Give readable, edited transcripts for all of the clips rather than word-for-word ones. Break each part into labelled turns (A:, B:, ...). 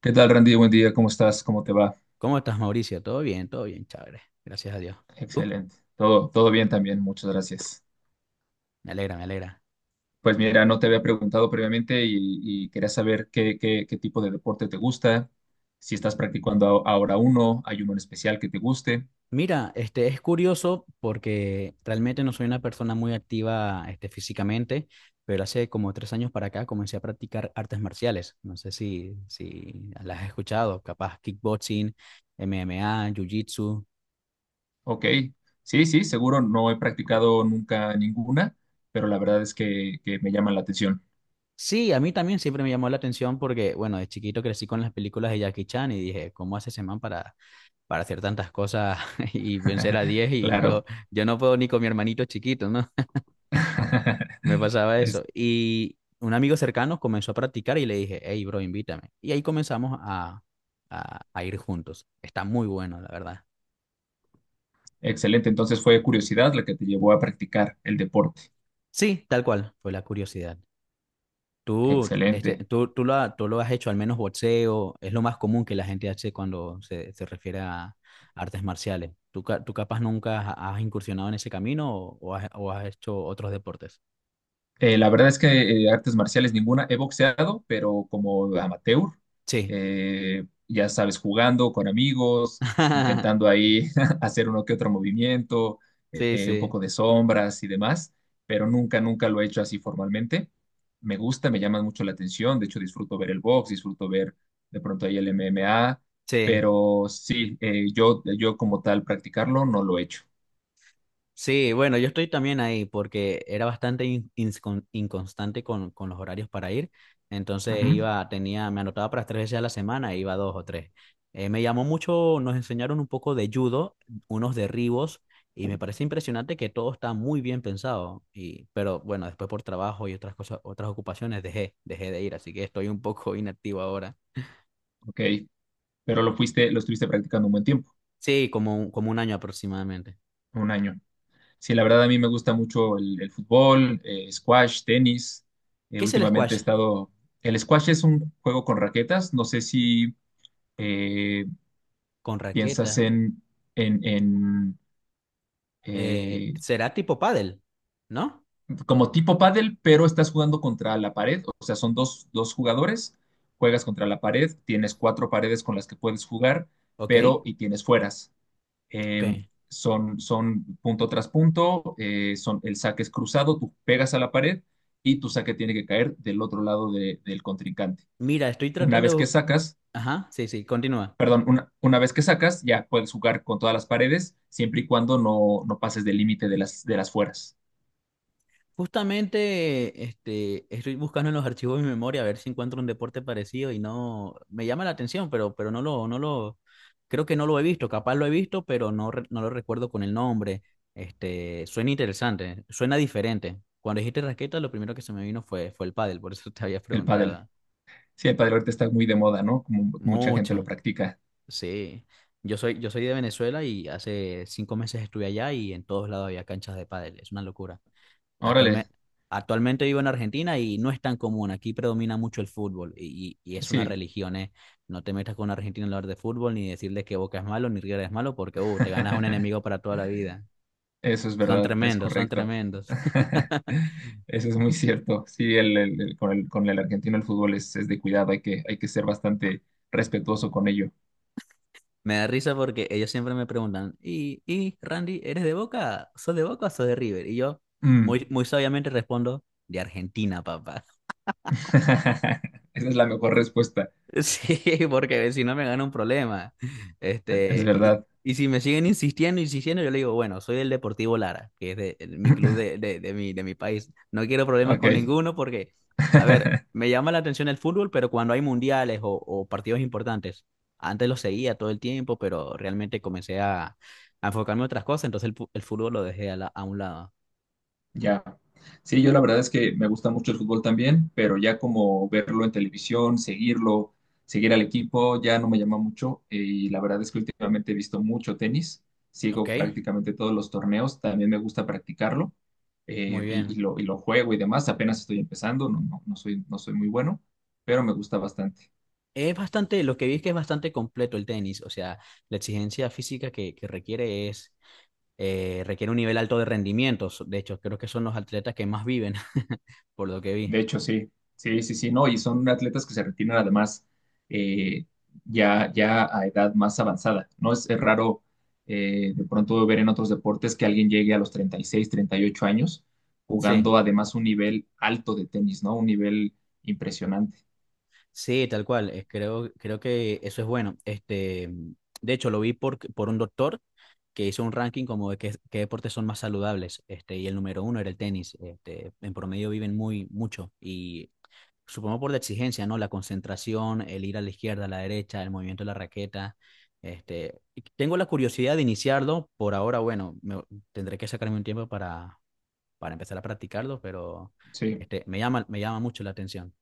A: ¿Qué tal, Randy? Buen día, ¿cómo estás? ¿Cómo te va?
B: ¿Cómo estás, Mauricio? Todo bien, chévere. Gracias a Dios. ¿Tú?
A: Excelente. Todo bien también, muchas gracias.
B: Me alegra, me alegra.
A: Pues mira, no te había preguntado previamente y quería saber qué tipo de deporte te gusta, si estás practicando ahora uno, hay uno en especial que te guste.
B: Mira, este es curioso porque realmente no soy una persona muy activa, este, físicamente, pero hace como 3 años para acá comencé a practicar artes marciales. No sé si las has escuchado, capaz kickboxing, MMA, jiu-jitsu.
A: Ok, sí, seguro no he practicado nunca ninguna, pero la verdad es que me llaman la atención.
B: Sí, a mí también siempre me llamó la atención porque, bueno, de chiquito crecí con las películas de Jackie Chan y dije, ¿cómo hace ese man para hacer tantas cosas y vencer a 10 y yo,
A: Claro.
B: yo no puedo ni con mi hermanito chiquito, ¿no? Me pasaba eso.
A: Es
B: Y un amigo cercano comenzó a practicar y le dije, hey, bro, invítame. Y ahí comenzamos a ir juntos. Está muy bueno, la verdad.
A: excelente, entonces fue curiosidad la que te llevó a practicar el deporte.
B: Sí, tal cual, fue la curiosidad. Tú, este,
A: Excelente.
B: tú, lo, ha- tú lo has hecho, al menos boxeo, es lo más común que la gente hace cuando se refiere a artes marciales. ¿Tú capaz nunca has incursionado en ese camino o has hecho otros deportes?
A: La verdad es que artes marciales ninguna. He boxeado, pero como amateur.
B: Sí,
A: Ya sabes, jugando con amigos, intentando ahí hacer uno que otro movimiento,
B: Sí,
A: un
B: sí,
A: poco de sombras y demás, pero nunca lo he hecho así formalmente. Me gusta, me llama mucho la atención. De hecho, disfruto ver el box, disfruto ver de pronto ahí el MMA,
B: sí,
A: pero sí, yo como tal practicarlo no lo he hecho.
B: sí, bueno, yo estoy también ahí porque era bastante inconstante con los horarios para ir, entonces
A: Ujú,
B: iba, tenía, me anotaba para tres veces a la semana e iba dos o tres. Me llamó mucho, nos enseñaron un poco de judo, unos derribos, y me parece impresionante que todo está muy bien pensado, pero bueno, después por trabajo y otras cosas, otras ocupaciones dejé de ir, así que estoy un poco inactivo ahora.
A: ok, pero lo fuiste, lo estuviste practicando un buen tiempo,
B: Sí, como un año aproximadamente.
A: un año. Sí, la verdad a mí me gusta mucho el fútbol, squash, tenis.
B: ¿Qué es el
A: Últimamente he
B: squash?
A: estado... El squash es un juego con raquetas. No sé si eh,
B: Con
A: piensas
B: raqueta.
A: en, eh,
B: Será tipo pádel, ¿no?
A: como tipo pádel, pero estás jugando contra la pared. O sea, son dos jugadores, juegas contra la pared, tienes cuatro paredes con las que puedes jugar,
B: Ok,
A: pero y tienes fueras.
B: ok.
A: eh, Son punto tras punto, son, el saque es cruzado, tú pegas a la pared y tu saque tiene que caer del otro lado del contrincante.
B: Mira, estoy
A: Una
B: tratando
A: vez
B: de...
A: que sacas,
B: Ajá, sí, sí, continúa.
A: perdón, una vez que sacas, ya puedes jugar con todas las paredes, siempre y cuando no pases del límite de de las fueras.
B: Justamente, este, estoy buscando en los archivos de mi memoria a ver si encuentro un deporte parecido y no... Me llama la atención, pero no lo... Creo que no lo he visto, capaz lo he visto, pero no, no lo recuerdo con el nombre. Este, suena interesante, suena diferente. Cuando dijiste raqueta, lo primero que se me vino fue el pádel, por eso te había
A: El pádel.
B: preguntado.
A: Sí, el pádel ahorita está muy de moda, ¿no? Como mucha gente lo
B: Mucho.
A: practica.
B: Sí, yo soy de Venezuela y hace 5 meses estuve allá y en todos lados había canchas de pádel, es una locura.
A: Órale,
B: Actualmente, actualmente vivo en Argentina y no es tan común, aquí predomina mucho el fútbol y es una
A: sí.
B: religión, ¿eh? No te metas con un argentino a hablar de fútbol ni decirle que Boca es malo ni River es malo porque te ganas un enemigo para toda la vida.
A: Eso es
B: Son
A: verdad, es
B: tremendos, son
A: correcto.
B: tremendos.
A: Eso es muy cierto. Sí, con con el argentino el fútbol es de cuidado, hay que ser bastante respetuoso con ello.
B: Me da risa porque ellos siempre me preguntan, ¿y Randy, eres de Boca? ¿Sos de Boca o sos de River? Y yo
A: Mm.
B: muy, muy sabiamente respondo, de Argentina, papá.
A: Esa es la mejor respuesta,
B: Sí, porque si no me gana un problema.
A: es
B: Este, y,
A: verdad.
B: y si me siguen insistiendo, insistiendo, yo le digo, bueno, soy del Deportivo Lara, que es mi club de mi país. No quiero problemas con
A: Ok.
B: ninguno porque, a ver, me llama la atención el fútbol, pero cuando hay mundiales o partidos importantes, antes lo seguía todo el tiempo, pero realmente comencé a enfocarme en otras cosas, entonces el fútbol lo dejé a un lado.
A: Ya. Sí, yo la verdad es que me gusta mucho el fútbol también, pero ya como verlo en televisión, seguirlo, seguir al equipo, ya no me llama mucho. Y la verdad es que últimamente he visto mucho tenis,
B: Ok,
A: sigo prácticamente todos los torneos, también me gusta practicarlo,
B: muy bien.
A: y lo juego y demás. Apenas estoy empezando, no soy, no soy muy bueno, pero me gusta bastante.
B: Es bastante, lo que vi es que es bastante completo el tenis, o sea, la exigencia física que requiere requiere un nivel alto de rendimiento, de hecho, creo que son los atletas que más viven, por lo que
A: De
B: vi.
A: hecho, sí, no, y son atletas que se retiran además, eh, ya a edad más avanzada, ¿no? Es raro, de pronto ver en otros deportes que alguien llegue a los treinta, treinta y seis, treinta y ocho años,
B: Sí,
A: jugando además un nivel alto de tenis, ¿no? Un nivel impresionante.
B: sí, tal cual, creo que eso es bueno. Este, de hecho, lo vi por un doctor que hizo un ranking como de qué deportes son más saludables, este, y el número uno era el tenis, este, en promedio viven muy, mucho, y supongo por la exigencia, ¿no? La concentración, el ir a la izquierda, a la derecha, el movimiento de la raqueta. Este, y tengo la curiosidad de iniciarlo. Por ahora, bueno, tendré que sacarme un tiempo para empezar a practicarlo, pero
A: Sí,
B: este, me llama mucho la atención.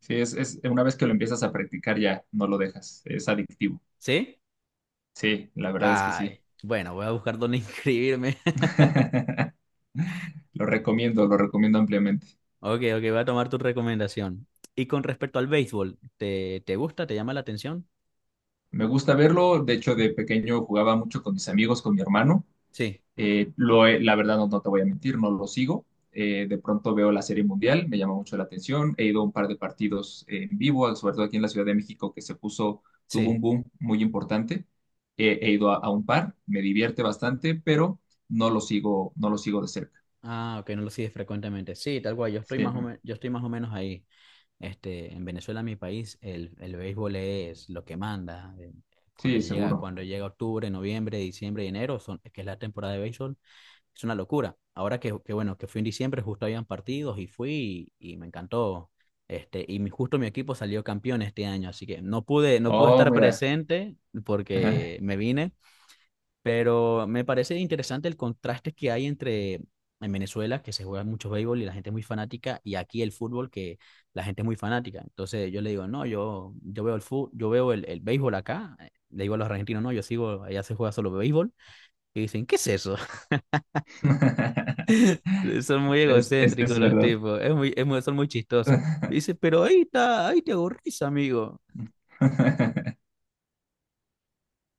A: sí, es una vez que lo empiezas a practicar ya no lo dejas, es adictivo.
B: ¿Sí?
A: Sí, la verdad es que sí.
B: Ay, bueno, voy a buscar dónde inscribirme.
A: Lo recomiendo ampliamente.
B: Ok, ok, voy a tomar tu recomendación. Y con respecto al béisbol, ¿te gusta? ¿Te llama la atención?
A: Me gusta verlo, de hecho de pequeño jugaba mucho con mis amigos, con mi hermano.
B: Sí,
A: La verdad no, no te voy a mentir, no lo sigo. De pronto veo la Serie Mundial, me llama mucho la atención. He ido a un par de partidos en vivo, sobre todo aquí en la Ciudad de México, que se puso, tuvo un
B: sí.
A: boom muy importante. A un par, me divierte bastante, pero no lo sigo, no lo sigo de cerca.
B: Ah, ok, no lo sigues frecuentemente. Sí, tal cual,
A: Sí,
B: yo estoy más o menos ahí. Este, en Venezuela, mi país, el béisbol es lo que manda. Cuando
A: sí,
B: llega,
A: seguro.
B: cuando llega octubre, noviembre, diciembre y enero, que es la temporada de béisbol, es una locura. Ahora que bueno, que fui en diciembre, justo habían partidos y fui y me encantó. Este, justo mi equipo salió campeón este año, así que no pude
A: Oh,
B: estar
A: mira.
B: presente porque me vine, pero me parece interesante el contraste que hay entre en Venezuela, que se juega mucho béisbol y la gente es muy fanática, y aquí el fútbol, que la gente es muy fanática. Entonces yo le digo, no, yo veo el fútbol, yo veo el béisbol acá. Le digo a los argentinos, no, yo sigo, allá se juega solo béisbol. Y dicen, ¿qué es eso? Son muy egocéntricos
A: Es
B: los
A: verdad.
B: tipos, son muy chistosos. Y dice, pero ahí está, ahí te aburrís, amigo.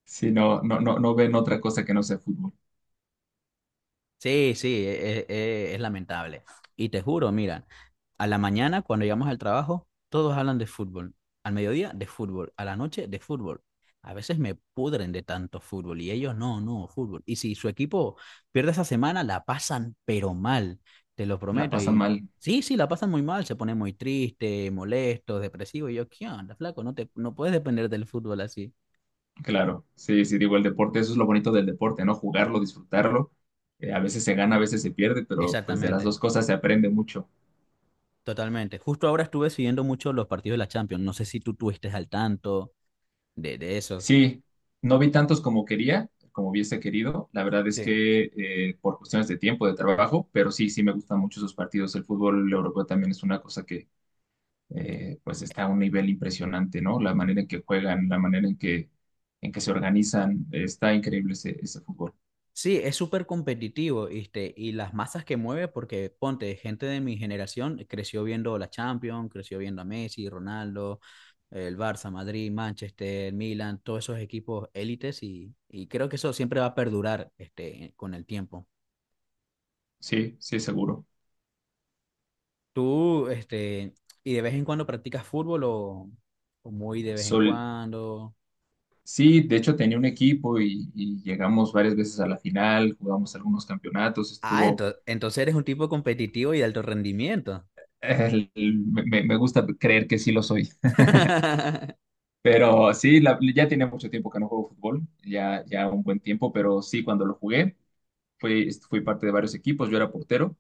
A: Sí, no, no, no, no ven otra cosa que no sea fútbol.
B: Sí, sí, es lamentable. Y te juro, mira, a la mañana cuando llegamos al trabajo, todos hablan de fútbol. Al mediodía, de fútbol. A la noche, de fútbol. A veces me pudren de tanto fútbol y ellos no, no, fútbol. Y si su equipo pierde esa semana, la pasan pero mal, te lo
A: La
B: prometo.
A: pasan
B: Y
A: mal,
B: sí, sí, la pasan muy mal, se ponen muy tristes, molestos, depresivos. Y yo, ¿qué onda, flaco? No puedes depender del fútbol así.
A: claro. Sí, sí, digo, el deporte, eso es lo bonito del deporte, ¿no? Jugarlo, disfrutarlo. A veces se gana, a veces se pierde, pero pues de las
B: Exactamente.
A: dos cosas se aprende mucho.
B: Totalmente. Justo ahora estuve siguiendo mucho los partidos de la Champions. No sé si tú estuviste al tanto de esos.
A: Sí, no vi tantos como quería, como hubiese querido. La verdad es
B: Sí.
A: que, por cuestiones de tiempo, de trabajo, pero sí, sí me gustan mucho esos partidos. El fútbol europeo también es una cosa que, pues está a un nivel impresionante, ¿no? La manera en que juegan, la manera en en que se organizan, está increíble ese fútbol.
B: Sí, es súper competitivo, ¿viste? Y las masas que mueve, porque ponte, gente de mi generación creció viendo la Champions, creció viendo a Messi, Ronaldo, el Barça, Madrid, Manchester, Milan, todos esos equipos élites y creo que eso siempre va a perdurar, este, con el tiempo.
A: Sí, sí, seguro.
B: ¿Tú, este, y de vez en cuando practicas fútbol o muy de vez en
A: Sol,
B: cuando?
A: sí, de hecho tenía un equipo y llegamos varias veces a la final, jugamos algunos campeonatos,
B: Ah,
A: estuvo...
B: entonces eres un tipo competitivo y de alto rendimiento.
A: Me gusta creer que sí lo soy. Pero sí, ya tenía mucho tiempo que no juego fútbol, ya un buen tiempo, pero sí, cuando lo jugué. Fui parte de varios equipos, yo era portero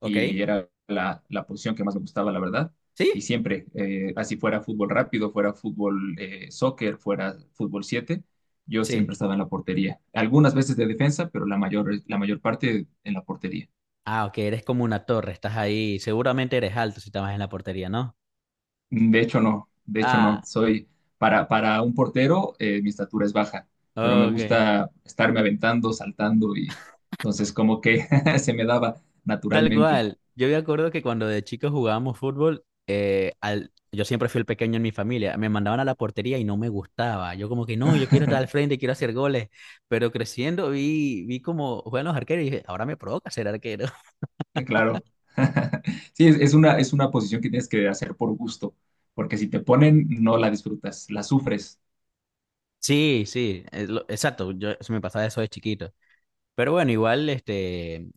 B: ¿Ok?
A: y era la posición que más me gustaba, la verdad. Y
B: ¿Sí?
A: siempre, así fuera fútbol rápido, fuera fútbol, soccer, fuera fútbol siete, yo
B: Sí.
A: siempre estaba en la portería. Algunas veces de defensa, pero la mayor parte en la portería.
B: Ah, ok, eres como una torre, estás ahí. Seguramente eres alto si estabas en la portería, ¿no?
A: De hecho, no, de hecho,
B: Ah,
A: no. Para, un portero, mi estatura es baja, pero me
B: ok.
A: gusta estarme aventando, saltando y entonces como que se me daba
B: Tal
A: naturalmente.
B: cual. Yo me acuerdo que cuando de chicos jugábamos fútbol, yo siempre fui el pequeño en mi familia. Me mandaban a la portería y no me gustaba. Yo como que no, yo quiero estar al frente, quiero hacer goles. Pero creciendo vi cómo juegan los arqueros y dije, ahora me provoca ser arquero.
A: Claro. Sí, es una posición que tienes que hacer por gusto, porque si te ponen, no la disfrutas, la sufres.
B: Sí, sí, exacto. Yo se me pasaba eso de chiquito. Pero bueno, igual, este,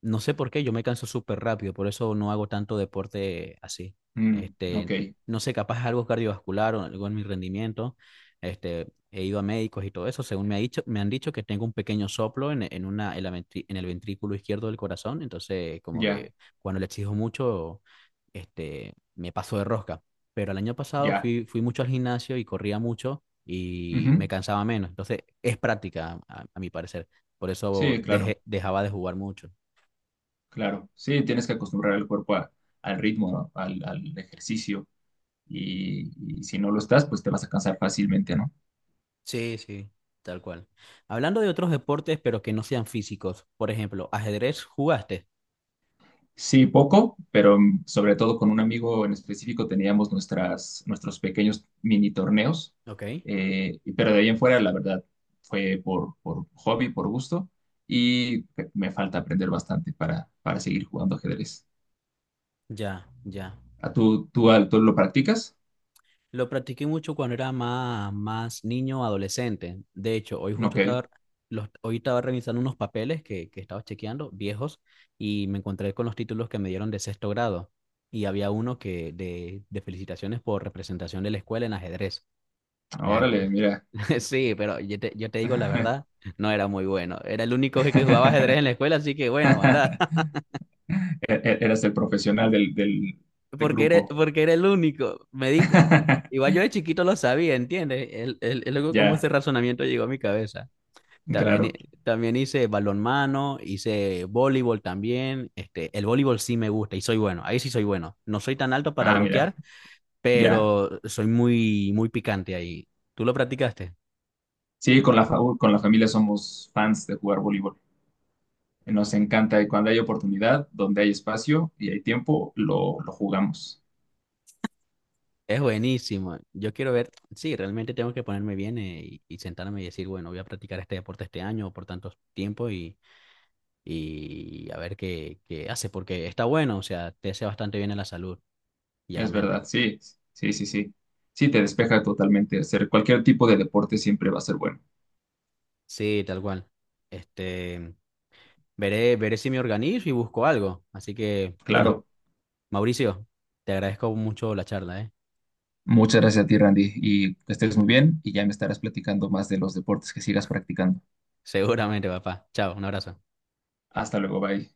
B: no sé por qué, yo me canso súper rápido, por eso no hago tanto deporte así.
A: Mm, ok,
B: Este, no sé, capaz algo cardiovascular o algo en mi rendimiento. Este, he ido a médicos y todo eso, según me han dicho que tengo un pequeño soplo en una, en la ventri- en el ventrículo izquierdo del corazón, entonces como
A: ya,
B: que cuando le exijo mucho, este, me paso de rosca. Pero el año pasado
A: ya.
B: fui mucho al gimnasio y corría mucho y me
A: Ujú.
B: cansaba menos, entonces es práctica, a mi parecer. Por eso
A: Sí, claro,
B: dejaba de jugar mucho.
A: claro. Sí, tienes que acostumbrar al cuerpo al ritmo, ¿no? Al ejercicio. Y si no lo estás, pues te vas a cansar fácilmente, ¿no?
B: Sí, sí. Tal cual. Hablando de otros deportes, pero que no sean físicos. Por ejemplo, ajedrez, ¿jugaste?
A: Sí, poco, pero mm, sobre todo con un amigo en específico teníamos nuestros pequeños mini torneos,
B: Ok.
A: pero de ahí en fuera, la verdad, fue por hobby, por gusto, y me falta aprender bastante para seguir jugando ajedrez.
B: Ya, ya.
A: ¿A tú lo practicas?
B: Lo practiqué mucho cuando era más niño, adolescente. De hecho,
A: Ok,
B: hoy estaba revisando unos papeles que estaba chequeando, viejos, y me encontré con los títulos que me dieron de sexto grado. Y había uno que de felicitaciones por representación de la escuela en ajedrez. Me ac-
A: órale, mira.
B: Sí, pero yo te digo la verdad, no era muy bueno. Era el único que jugaba ajedrez en la escuela, así que bueno, anda.
A: Eras el profesional del del
B: Porque era,
A: grupo.
B: porque era el único. Igual yo de chiquito lo sabía, ¿entiendes? Luego cómo
A: Ya,
B: ese razonamiento llegó a mi cabeza. También, hi-
A: claro.
B: también hice balonmano, hice voleibol también. Este, el voleibol sí me gusta y soy bueno. Ahí sí soy bueno. No soy tan alto para
A: Ah, mira,
B: bloquear,
A: ya.
B: pero soy muy, muy picante ahí. ¿Tú lo practicaste?
A: Sí, con la, con la familia somos fans de jugar voleibol. Nos encanta y cuando hay oportunidad, donde hay espacio y hay tiempo, lo jugamos.
B: Es buenísimo. Yo quiero ver, sí, realmente tengo que ponerme bien y sentarme y decir, bueno, voy a practicar este deporte este año o por tanto tiempo y a ver qué hace, porque está bueno, o sea, te hace bastante bien a la salud y a la
A: Es
B: mente.
A: verdad, sí, sí, sí, sí. Sí, te despeja totalmente. Hacer cualquier tipo de deporte siempre va a ser bueno.
B: Sí, tal cual. Este, veré si me organizo y busco algo. Así que, bueno,
A: Claro.
B: Mauricio, te agradezco mucho la charla, ¿eh?
A: Muchas gracias a ti, Randy, y que estés muy bien y ya me estarás platicando más de los deportes que sigas practicando.
B: Seguramente, papá. Chao, un abrazo.
A: Hasta luego, bye.